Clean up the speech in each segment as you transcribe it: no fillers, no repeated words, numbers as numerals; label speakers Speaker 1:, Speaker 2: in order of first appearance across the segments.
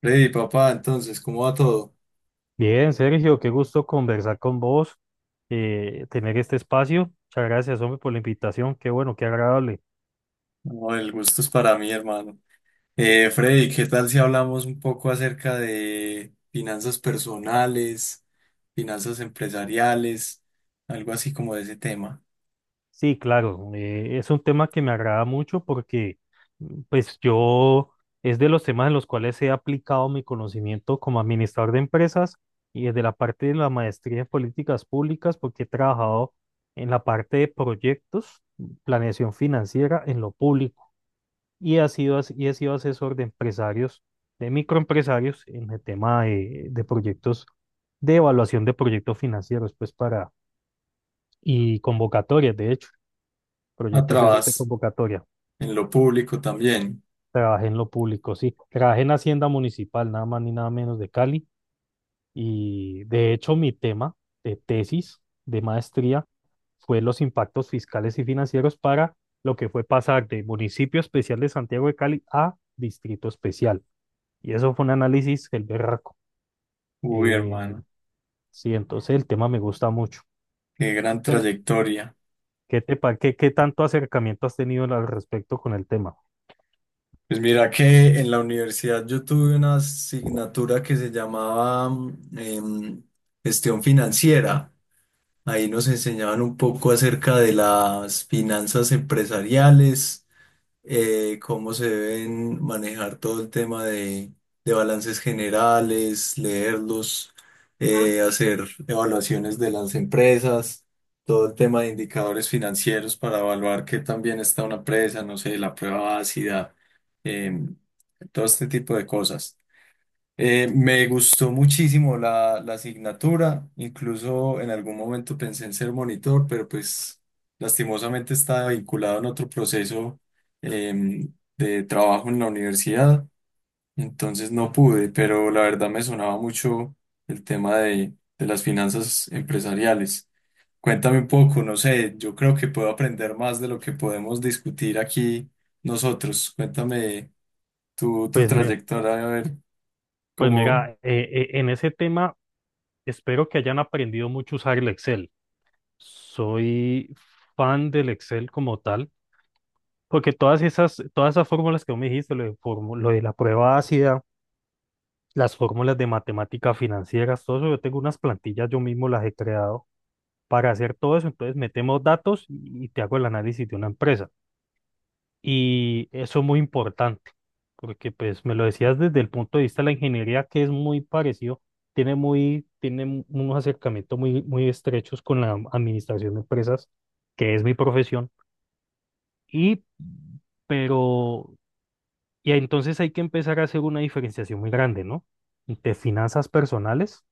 Speaker 1: Freddy, papá, entonces, ¿cómo va todo?
Speaker 2: Bien, Sergio, qué gusto conversar con vos, tener este espacio. Muchas gracias, hombre, por la invitación. Qué bueno, qué agradable.
Speaker 1: No, el gusto es para mí, hermano. Freddy, ¿qué tal si hablamos un poco acerca de finanzas personales, finanzas empresariales, algo así como de ese tema?
Speaker 2: Sí, claro, es un tema que me agrada mucho porque, pues, yo es de los temas en los cuales he aplicado mi conocimiento como administrador de empresas y desde la parte de la maestría en políticas públicas, porque he trabajado en la parte de proyectos, planeación financiera en lo público. Y he sido asesor de empresarios, de microempresarios en el tema de proyectos, de evaluación de proyectos financieros, pues y convocatorias, de hecho, proyectos esos de
Speaker 1: Atrás,
Speaker 2: convocatoria.
Speaker 1: en lo público también.
Speaker 2: Trabajé en lo público, sí. Trabajé en Hacienda Municipal, nada más ni nada menos de Cali. Y de hecho, mi tema de tesis, de maestría, fue los impactos fiscales y financieros para lo que fue pasar de municipio especial de Santiago de Cali a distrito especial. Y eso fue un análisis el berraco.
Speaker 1: Uy,
Speaker 2: Eh,
Speaker 1: hermano,
Speaker 2: sí, entonces el tema me gusta mucho.
Speaker 1: qué gran trayectoria.
Speaker 2: ¿Qué te pa- qué, qué tanto acercamiento has tenido al respecto con el tema?
Speaker 1: Pues mira que en la universidad yo tuve una asignatura que se llamaba gestión financiera. Ahí nos enseñaban un poco acerca de las finanzas empresariales, cómo se deben manejar todo el tema de balances generales, leerlos, hacer evaluaciones de las empresas, todo el tema de indicadores financieros para evaluar qué tan bien está una empresa, no sé, la prueba ácida, em, todo este tipo de cosas. Me gustó muchísimo la asignatura, incluso en algún momento pensé en ser monitor, pero pues lastimosamente estaba vinculado en otro proceso de trabajo en la universidad, entonces no pude, pero la verdad me sonaba mucho el tema de las finanzas empresariales. Cuéntame un poco, no sé, yo creo que puedo aprender más de lo que podemos discutir aquí nosotros. Cuéntame tu
Speaker 2: Pues mira,
Speaker 1: trayectoria, a ver
Speaker 2: pues
Speaker 1: cómo...
Speaker 2: mira, en ese tema espero que hayan aprendido mucho a usar el Excel. Soy fan del Excel como tal, porque todas esas fórmulas que vos me dijiste, lo de la prueba ácida, las fórmulas de matemática financiera, todo eso, yo tengo unas plantillas, yo mismo las he creado para hacer todo eso, entonces metemos datos y te hago el análisis de una empresa. Y eso es muy importante, porque pues me lo decías desde el punto de vista de la ingeniería, que es muy parecido, tiene unos acercamientos muy, muy estrechos con la administración de empresas, que es mi profesión. Y, pero, y entonces hay que empezar a hacer una diferenciación muy grande, ¿no? Entre finanzas personales,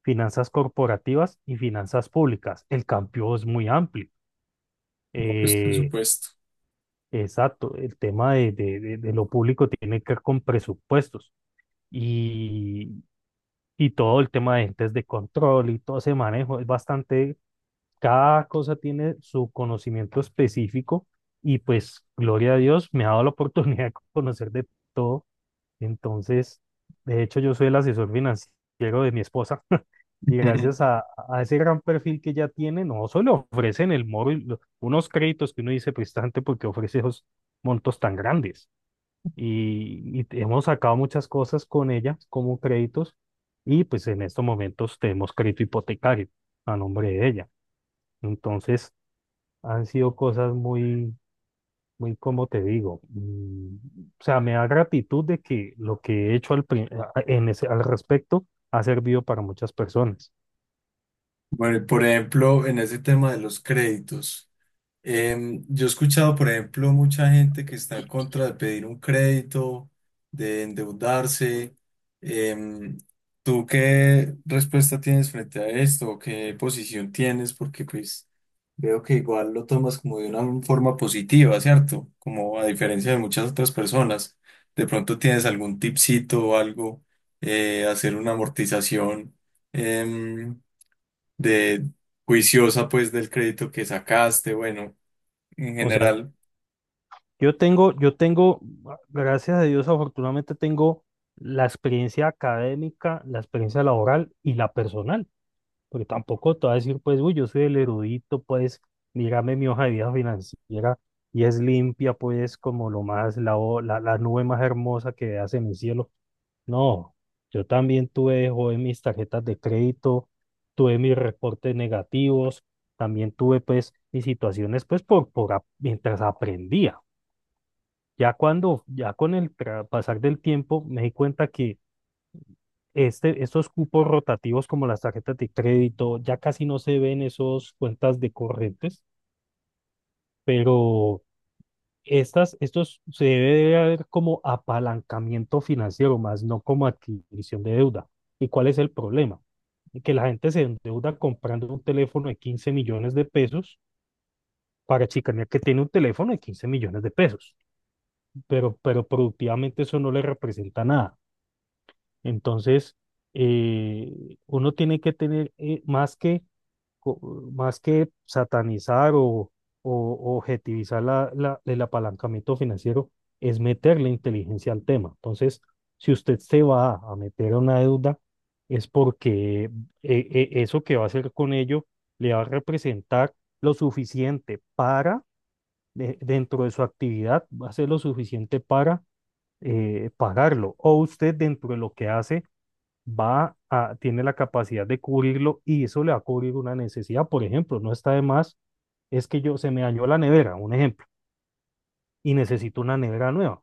Speaker 2: finanzas corporativas y finanzas públicas. El campo es muy amplio.
Speaker 1: No, pues por
Speaker 2: Eh,
Speaker 1: supuesto.
Speaker 2: Exacto, el tema de lo público tiene que ver con presupuestos y, y todo el tema de entes de control y todo ese manejo es bastante, cada cosa tiene su conocimiento específico y pues gloria a Dios me ha dado la oportunidad de conocer de todo entonces, de hecho, yo soy el asesor financiero de mi esposa y gracias a ese gran perfil que ella tiene, no solo ofrecen el móvil unos créditos que uno dice prestante porque ofrece esos montos tan grandes. Hemos sacado muchas cosas con ella como créditos y pues en estos momentos tenemos crédito hipotecario a nombre de ella. Entonces, han sido cosas muy, muy como te digo, o sea, me da gratitud de que lo que he hecho al, pri- a- en ese- al respecto ha servido para muchas personas.
Speaker 1: Bueno, y por ejemplo, en ese tema de los créditos. Yo he escuchado, por ejemplo, mucha gente que está en contra de pedir un crédito, de endeudarse. Em, ¿Tú qué respuesta tienes frente a esto? ¿O qué posición tienes? Porque pues veo que igual lo tomas como de una forma positiva, ¿cierto? Como a diferencia de muchas otras personas. De pronto tienes algún tipcito o algo, hacer una amortización em, de juiciosa pues del crédito que sacaste, bueno, en
Speaker 2: O sea,
Speaker 1: general,
Speaker 2: yo tengo, yo tengo, ah, gracias a Dios, afortunadamente tengo la experiencia académica, la experiencia laboral y la personal, porque tampoco te voy a decir, pues, uy, yo soy el erudito, pues, mírame mi hoja de vida financiera y es limpia, pues, como lo más, la nube más hermosa que veas en el cielo. No, yo también tuve de joven mis tarjetas de crédito, tuve mis reportes negativos, también tuve pues mis situaciones pues mientras aprendía. Ya cuando, ya con el pasar del tiempo me di cuenta que estos cupos rotativos como las tarjetas de crédito ya casi no se ven esos cuentas de corrientes, pero estos se debe ver como apalancamiento financiero, más no como adquisición de deuda. ¿Y cuál es el problema? Que la gente se endeuda comprando un teléfono de 15 millones de pesos para chicanear que tiene un teléfono de 15 millones de pesos, pero productivamente eso no le representa nada. Entonces, eh, uno tiene que tener más que co- más que satanizar o objetivizar el apalancamiento financiero, es meterle inteligencia al tema. Entonces, si usted se va a meter a una deuda, es porque eso que va a hacer con ello le va a representar lo suficiente dentro de su actividad, va a ser lo suficiente para pagarlo. O usted dentro de lo que hace tiene la capacidad de cubrirlo y eso le va a cubrir una necesidad. Por ejemplo, no está de más, es que yo se me dañó la nevera, un ejemplo, y necesito una nevera nueva.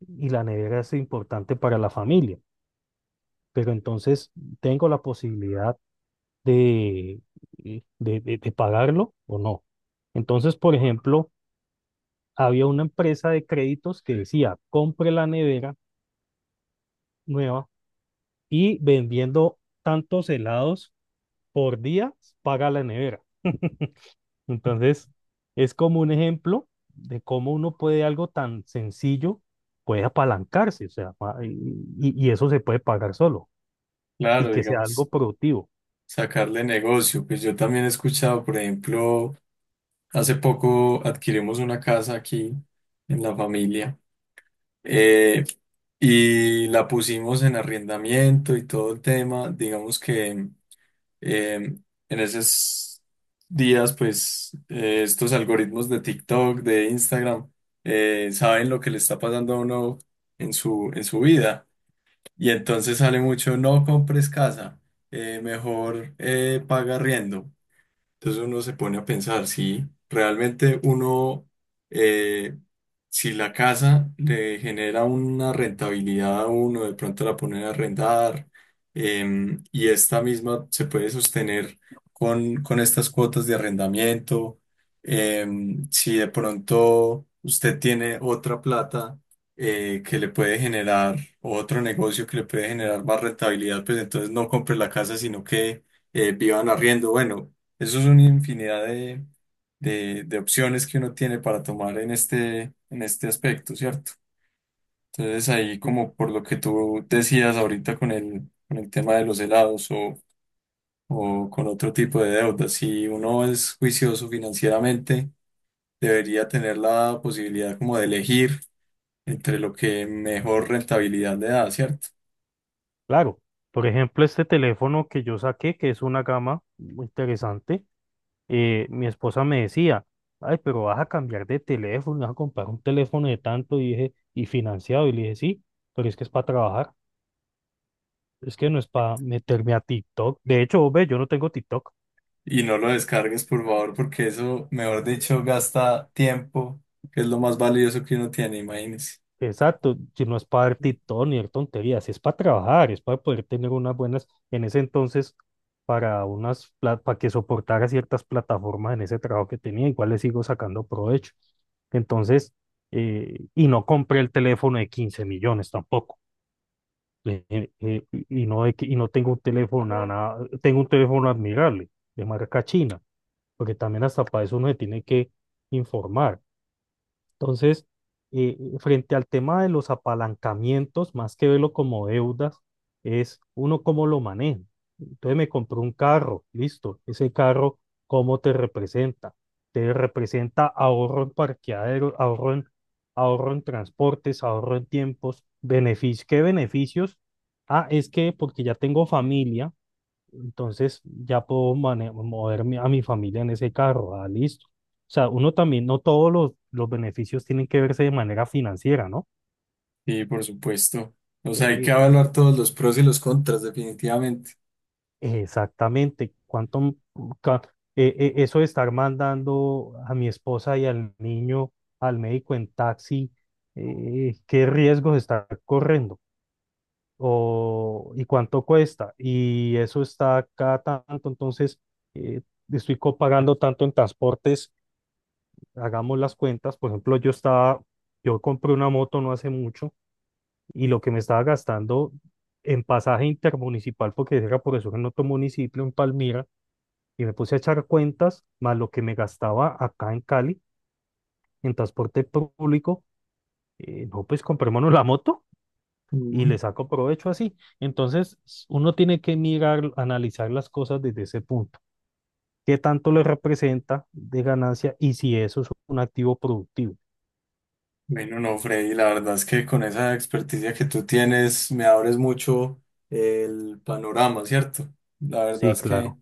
Speaker 2: Y la nevera es importante para la familia, pero entonces tengo la posibilidad de, de pagarlo o no. Entonces, por ejemplo, había una empresa de créditos que decía, compre la nevera nueva y vendiendo tantos helados por día, paga la nevera. Entonces, es como un ejemplo de cómo uno puede algo tan sencillo, puede apalancarse, o sea, y eso se puede pagar solo y
Speaker 1: claro,
Speaker 2: que sea algo
Speaker 1: digamos,
Speaker 2: productivo.
Speaker 1: sacarle negocio. Pues yo también he escuchado, por ejemplo, hace poco adquirimos una casa aquí en la familia, eh, y la pusimos en arrendamiento y todo el tema. Digamos que eh, en esos días, pues estos algoritmos de TikTok, de Instagram, saben lo que le está pasando a uno en en su vida. Y entonces sale mucho, no compres casa, mejor paga arriendo. Entonces uno se pone a pensar si realmente uno, eh, si la casa le genera una rentabilidad a uno, de pronto la ponen a arrendar, y esta misma se puede sostener con estas cuotas de arrendamiento, si de pronto usted tiene otra plata que le puede generar, o otro negocio que le puede generar más rentabilidad, pues entonces no compre la casa, sino que vivan arriendo. Bueno. Eso es una infinidad de opciones que uno tiene para tomar en este aspecto, ¿cierto? Entonces ahí
Speaker 2: Sí.
Speaker 1: como por lo que tú decías ahorita con con el tema de los helados o con otro tipo de deudas, si uno es juicioso financieramente, debería tener la posibilidad como de elegir entre lo que mejor rentabilidad le da, ¿cierto?
Speaker 2: Claro, por ejemplo, este teléfono que yo saqué, que es una gama muy interesante, mi esposa me decía, ay, pero vas a cambiar de teléfono, vas a comprar un teléfono de tanto, y dije, y financiado, y le dije, sí, pero es que es para trabajar, es que no es para meterme a TikTok. De hecho, ve, yo no tengo TikTok.
Speaker 1: Y no lo descargues, por favor, porque eso, mejor dicho, gasta tiempo, que es lo más valioso que uno tiene, imagínese.
Speaker 2: Exacto, si no es para ver TikTok ni ver tonterías, si es para trabajar, es para poder tener unas buenas, en ese entonces, para que soportara ciertas plataformas en ese trabajo que tenía, igual le sigo sacando provecho. Entonces, y no compré el teléfono de 15 millones tampoco, y no tengo un teléfono, nada, nada, tengo un teléfono admirable, de marca china, porque también hasta para eso uno se tiene que informar. Entonces, frente al tema de los apalancamientos, más que verlo como deudas, es uno cómo lo maneja. Entonces me compró un carro, listo. Ese carro, ¿cómo te representa? Te representa ahorro en parqueadero, ahorro en transportes, ahorro en tiempos, beneficios. ¿Qué beneficios? Ah, es que porque ya tengo familia, entonces ya puedo moverme a mi familia en ese carro, ah, listo. O sea, uno también, no todos los beneficios tienen que verse de manera financiera, ¿no?
Speaker 1: Y por supuesto. O sea, hay que
Speaker 2: Eh,
Speaker 1: evaluar todos los pros y los contras, definitivamente.
Speaker 2: exactamente, cuánto, ca- eso de estar mandando a mi esposa y al niño al médico en taxi, qué riesgos está corriendo y cuánto cuesta, y eso está cada tanto, entonces eh, estoy pagando tanto en transportes hagamos las cuentas, por ejemplo, yo compré una moto no hace mucho y lo que me estaba gastando en pasaje intermunicipal, porque era profesor en otro municipio, en Palmira, y me puse a echar cuentas, más lo que me gastaba acá en Cali, en transporte público, no, pues comprémonos la moto y le
Speaker 1: Mm.
Speaker 2: saco provecho así. Entonces, uno tiene que mirar, analizar las cosas desde ese punto. ¿Qué tanto le representa de ganancia y si eso es un activo productivo?
Speaker 1: Bueno, no, Freddy, la verdad es que con esa experticia que tú tienes, me abres mucho el panorama, ¿cierto? La verdad
Speaker 2: Sí,
Speaker 1: es que
Speaker 2: claro.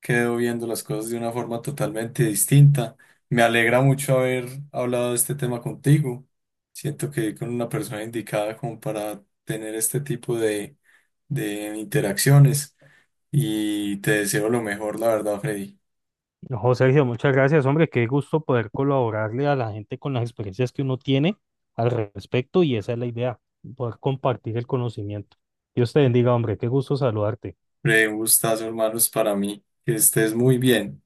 Speaker 1: quedo viendo las cosas de una forma totalmente distinta. Me alegra mucho haber hablado de este tema contigo. Siento que con una persona indicada como para tener este tipo de interacciones y te deseo lo mejor, la verdad, Freddy.
Speaker 2: Ojo, Sergio, muchas gracias, hombre. Qué gusto poder colaborarle a la gente con las experiencias que uno tiene al respecto y esa es la idea, poder compartir el conocimiento. Dios te bendiga, hombre. Qué gusto saludarte.
Speaker 1: Freddy, un gustazo, hermanos, para mí. Que estés muy bien.